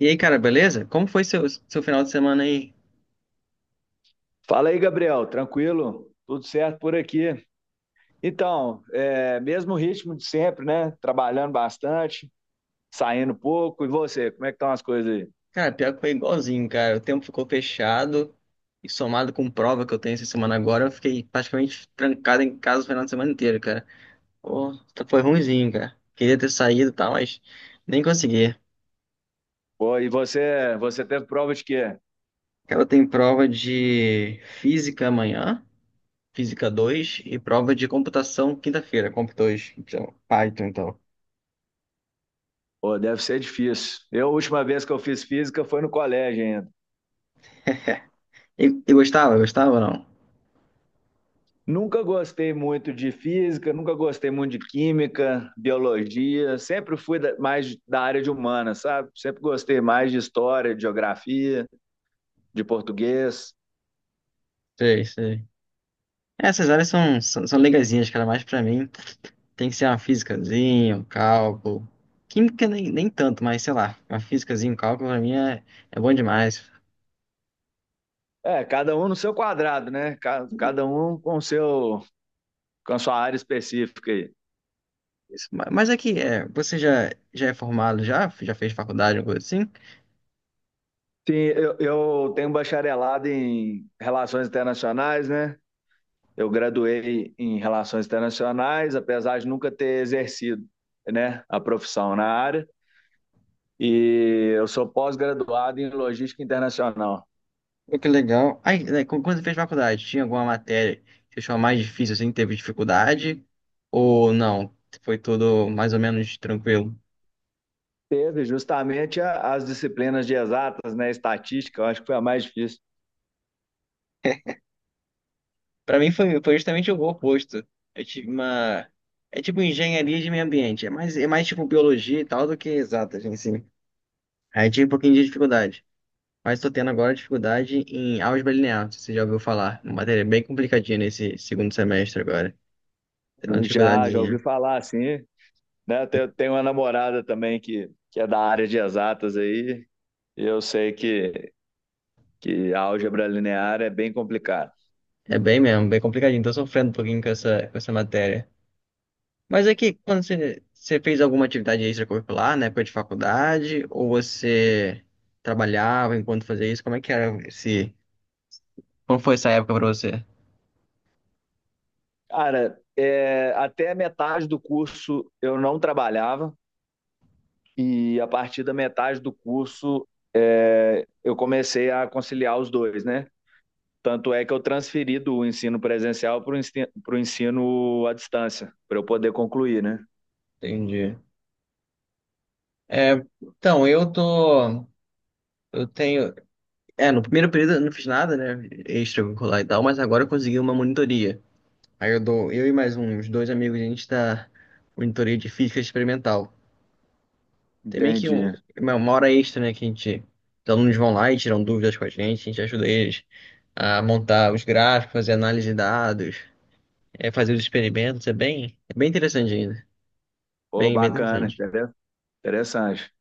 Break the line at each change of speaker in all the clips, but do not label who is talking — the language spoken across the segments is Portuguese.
E aí, cara, beleza? Como foi seu final de semana aí?
Fala aí, Gabriel, tranquilo? Tudo certo por aqui. Mesmo ritmo de sempre, né? Trabalhando bastante, saindo pouco. E você, como é que estão as coisas aí?
Cara, pior que foi igualzinho, cara. O tempo ficou fechado e somado com prova que eu tenho essa semana agora, eu fiquei praticamente trancado em casa o final de semana inteiro, cara. Pô, foi ruimzinho, cara. Queria ter saído e tal, mas nem consegui.
Pô, e você, teve prova de quê?
Cara, eu tenho prova de física amanhã, física 2 e prova de computação quinta-feira, comp 2 então, Python, então.
Pô, deve ser difícil. A última vez que eu fiz física foi no colégio ainda.
E gostava? Gostava ou não?
Nunca gostei muito de física, nunca gostei muito de química, biologia. Sempre fui mais da área de humanas, sabe? Sempre gostei mais de história, de geografia, de português.
Sei, sei. Essas áreas são legazinhas, cara, mais pra mim. Tem que ser uma físicazinha, um cálculo. Química nem tanto, mas sei lá, uma físicazinha, um cálculo pra mim é bom demais.
É, cada um no seu quadrado, né? Cada um com o seu, com a sua área específica aí.
Isso, Mas aqui, é, já é formado, já fez faculdade, alguma coisa assim?
Sim, eu tenho bacharelado em Relações Internacionais, né? Eu graduei em Relações Internacionais, apesar de nunca ter exercido, né, a profissão na área. E eu sou pós-graduado em Logística Internacional.
Pô, que legal. Aí, né, quando você fez faculdade, tinha alguma matéria que achou mais difícil, assim, teve dificuldade? Ou não? Foi tudo mais ou menos tranquilo?
Teve justamente as disciplinas de exatas, né? Estatística, eu acho que foi a mais difícil.
Pra mim foi justamente o oposto. Eu tive uma... É tipo engenharia de meio ambiente, é mais tipo biologia e tal do que exatas em si. Aí tive um pouquinho de dificuldade. Mas estou tendo agora dificuldade em álgebra linear, se você já ouviu falar. Uma matéria bem complicadinha nesse segundo semestre agora. Tem uma
Já ouvi
dificuldadezinha.
falar, assim, né? Tenho uma namorada também que é da área de exatas aí, e eu sei que álgebra linear é bem complicado.
É bem mesmo, bem complicadinho. Estou sofrendo um pouquinho com com essa matéria. Mas é que quando você fez alguma atividade extracurricular na época de faculdade, ou você trabalhava enquanto fazia isso, como é que era esse... Como foi essa época para você?
Até a metade do curso eu não trabalhava, e a partir da metade do curso eu comecei a conciliar os dois, né? Tanto é que eu transferi do ensino presencial para o pro ensino à distância, para eu poder concluir, né?
Entendi. É, então, eu tô... Eu tenho... É, no primeiro período eu não fiz nada, né? Extracurricular e tal, mas agora eu consegui uma monitoria. Aí eu dou, eu e mais uns dois amigos, a gente tá monitoria de física experimental. Tem meio que
Entendi.
uma hora extra, né? Que a gente, os alunos vão lá e tiram dúvidas com a gente ajuda eles a montar os gráficos, fazer análise de dados, é, fazer os experimentos. É bem interessante ainda.
Pô,
Bem
bacana,
interessante.
entendeu? Interessante.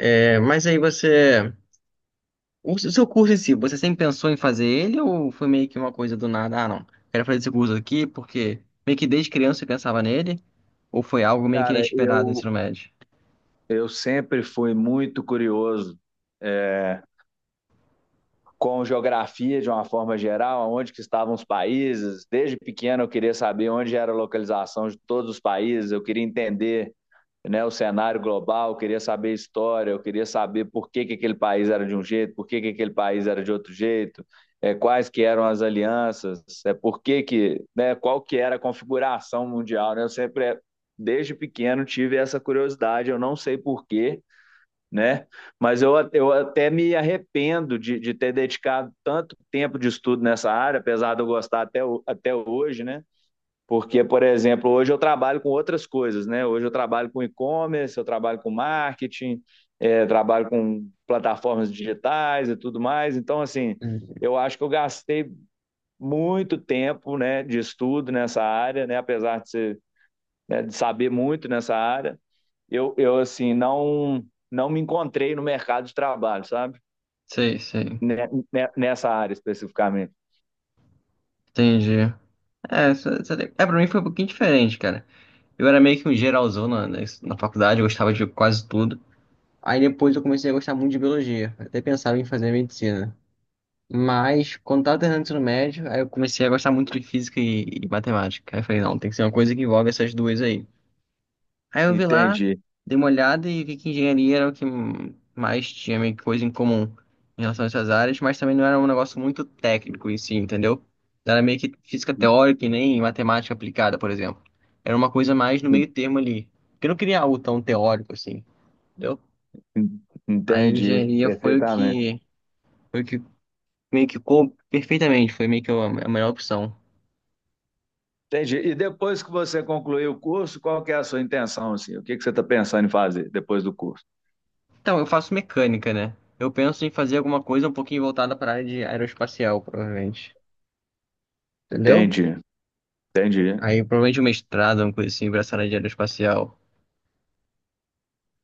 É, mas aí você. O seu curso em si, você sempre pensou em fazer ele ou foi meio que uma coisa do nada? Ah, não, quero fazer esse curso aqui porque meio que desde criança você pensava nele ou foi algo meio que
Cara,
inesperado no ensino médio?
eu sempre fui muito curioso é, com geografia de uma forma geral, onde que estavam os países. Desde pequeno eu queria saber onde era a localização de todos os países, eu queria entender né, o cenário global, eu queria saber a história, eu queria saber por que aquele país era de um jeito, por que aquele país era de outro jeito, quais que eram as alianças, por que que, né, qual que era a configuração mundial. Né? Eu sempre, desde pequeno, tive essa curiosidade, eu não sei por quê, né? Mas eu até me arrependo de ter dedicado tanto tempo de estudo nessa área, apesar de eu gostar até, até hoje, né? Porque, por exemplo, hoje eu trabalho com outras coisas, né? Hoje eu trabalho com e-commerce, eu trabalho com marketing, trabalho com plataformas digitais e tudo mais. Então, assim,
Entendi.
eu acho que eu gastei muito tempo, né, de estudo nessa área, né? Apesar de ser, né, de saber muito nessa área eu assim, não me encontrei no mercado de trabalho, sabe?
Sei, sei,
Né, né, nessa área especificamente.
entendi. É, é, pra mim foi um pouquinho diferente, cara. Eu era meio que um geralzão na faculdade, eu gostava de quase tudo. Aí depois eu comecei a gostar muito de biologia, até pensava em fazer medicina. Mas quando tava terminando o ensino médio, aí eu comecei a gostar muito de física e matemática. Aí eu falei, não, tem que ser uma coisa que envolve essas duas aí. Aí eu vi lá,
Entendi.
dei uma olhada e vi que engenharia era o que mais tinha meio que coisa em comum em relação a essas áreas, mas também não era um negócio muito técnico em si, entendeu? Não era meio que física teórica e nem matemática aplicada, por exemplo. Era uma coisa mais no meio termo ali. Porque eu não queria algo tão teórico assim, entendeu? A
Entendi,
engenharia
perfeitamente.
foi o que meio que coube perfeitamente, foi meio que a melhor opção.
Entendi. E depois que você concluir o curso, qual que é a sua intenção, assim? O que que você está pensando em fazer depois do curso?
Então, eu faço mecânica, né? Eu penso em fazer alguma coisa um pouquinho voltada para a área de aeroespacial, provavelmente. Entendeu?
Entendi, entendi.
Aí provavelmente um mestrado, uma coisa assim, pra essa área de aeroespacial.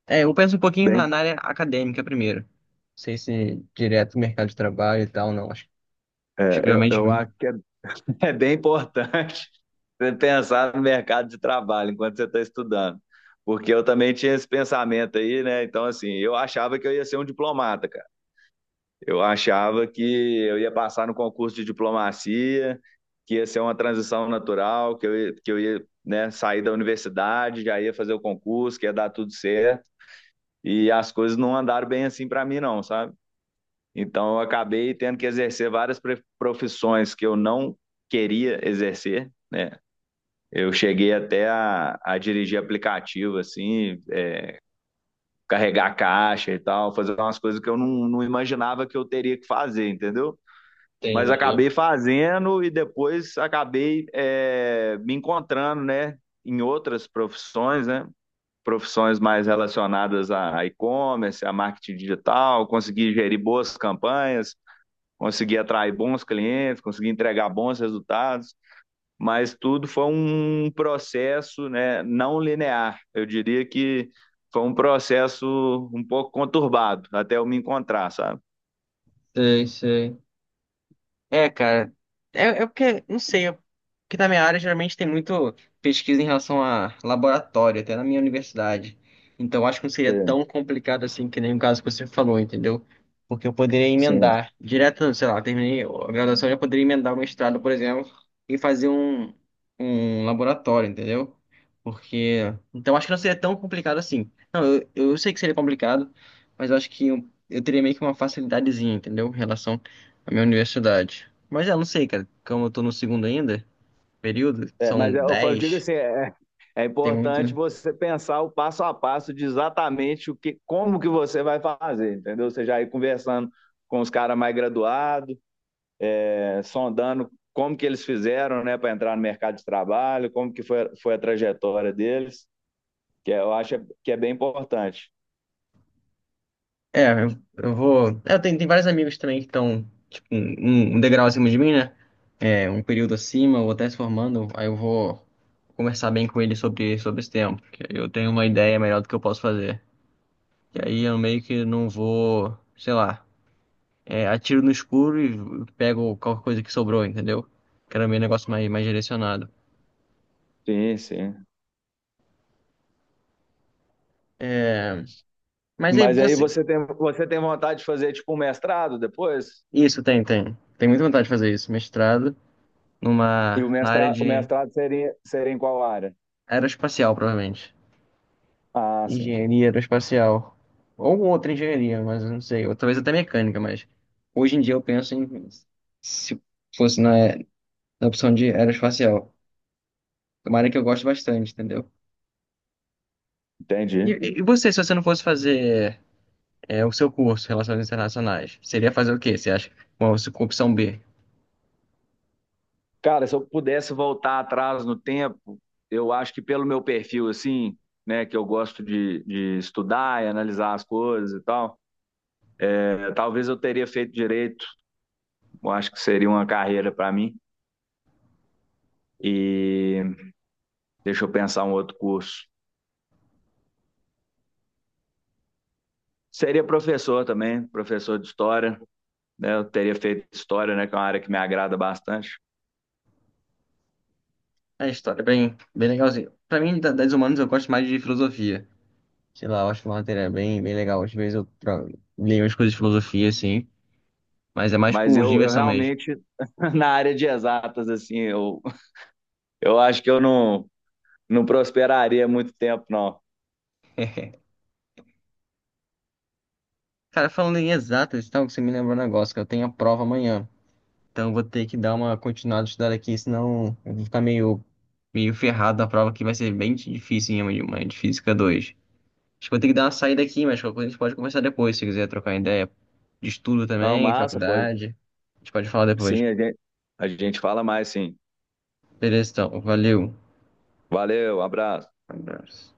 É, eu penso um pouquinho
Bem,
na área acadêmica primeiro. Não sei se direto mercado de trabalho e tal, não. Acho que realmente.
eu acho que é é bem importante você pensar no mercado de trabalho enquanto você está estudando. Porque eu também tinha esse pensamento aí, né? Então, assim, eu achava que eu ia ser um diplomata, cara. Eu achava que eu ia passar no concurso de diplomacia, que ia ser uma transição natural, que eu ia, né, sair da universidade, já ia fazer o concurso, que ia dar tudo certo. E as coisas não andaram bem assim para mim, não, sabe? Então, eu acabei tendo que exercer várias profissões que eu não queria exercer, né? Eu cheguei até a dirigir aplicativo, assim, é, carregar a caixa e tal, fazer umas coisas que eu não imaginava que eu teria que fazer, entendeu? Mas
Entendi.
acabei fazendo e depois acabei me encontrando, né, em outras profissões, né? Profissões mais relacionadas a e-commerce, a marketing digital, consegui gerir boas campanhas, consegui atrair bons clientes, consegui entregar bons resultados, mas tudo foi um processo, né, não linear. Eu diria que foi um processo um pouco conturbado até eu me encontrar, sabe?
Sei, sei. É, cara. É porque, não sei, é porque na minha área geralmente tem muito pesquisa em relação a laboratório, até na minha universidade. Então acho que não seria
Sim,
tão complicado assim que nem o caso que você falou, entendeu? Porque eu poderia
sim.
emendar direto, sei lá, terminei a graduação, eu já poderia emendar o mestrado, por exemplo, e fazer um laboratório, entendeu? Porque. Então acho que não seria tão complicado assim. Não, eu sei que seria complicado, mas eu acho que eu teria meio que uma facilidadezinha, entendeu? Em relação a minha universidade. Mas já não sei, cara, como eu tô no segundo ainda, período,
É,
são
mas eu digo
10,
assim, é
tem muito.
importante você pensar o passo a passo de exatamente o que, como que você vai fazer, entendeu? Você já ir conversando com os caras mais graduados, sondando como que eles fizeram, né, para entrar no mercado de trabalho, como que foi a trajetória deles, eu acho que é bem importante.
É, eu vou. É, tem vários amigos também que estão, tipo, um degrau acima de mim, né? É, um período acima, ou até se formando, aí eu vou conversar bem com eles sobre esse tempo, que aí eu tenho uma ideia melhor do que eu posso fazer. E aí eu meio que não vou, sei lá, é, atiro no escuro e pego qualquer coisa que sobrou, entendeu? Quero meio negócio mais direcionado.
Sim, sim.
É, mas aí
Mas aí
você,
você tem vontade de fazer tipo um mestrado depois?
isso, tem, tem. Tem muita vontade de fazer isso. Mestrado
E o
na área
o
de
mestrado seria, seria em qual área?
aeroespacial, provavelmente.
Ah, sim.
Engenharia aeroespacial. Ou outra engenharia, mas eu não sei. Ou talvez até mecânica, mas hoje em dia eu penso em se fosse na opção de aeroespacial. É uma área que eu gosto bastante, entendeu? E,
Entendi.
e e você, se você não fosse fazer é, o seu curso, Relações Internacionais, seria fazer o quê? Você acha? Uma opção B.
Cara, se eu pudesse voltar atrás no tempo, eu acho que pelo meu perfil, assim, né, que eu gosto de estudar e analisar as coisas e tal, talvez eu teria feito direito. Eu acho que seria uma carreira para mim. E deixa eu pensar um outro curso. Seria professor também, professor de história, né? Eu teria feito história, né? Que é uma área que me agrada bastante.
É, a história é bem, bem legalzinha. Pra mim, das humanas, eu gosto mais de filosofia. Sei lá, eu acho que uma matéria bem, bem legal. Às vezes eu leio umas coisas de filosofia, assim, mas é mais
Mas
por
eu
diversão mesmo.
realmente, na área de exatas, assim, eu acho que eu não prosperaria muito tempo, não.
Cara, falando em exatas e tal, você me lembrou um negócio, que eu tenho a prova amanhã. Então eu vou ter que dar uma continuada de estudar aqui, senão eu vou ficar meio ferrado na prova, que vai ser bem difícil, hein, uma de física 2. Acho que vou ter que dar uma saída aqui, mas qualquer coisa a gente pode conversar depois, se quiser trocar ideia de estudo
Não,
também,
massa, pô.
faculdade. A gente pode falar depois.
Sim, a gente fala mais, sim.
Beleza, então. Valeu.
Valeu, abraço.
Um abraço.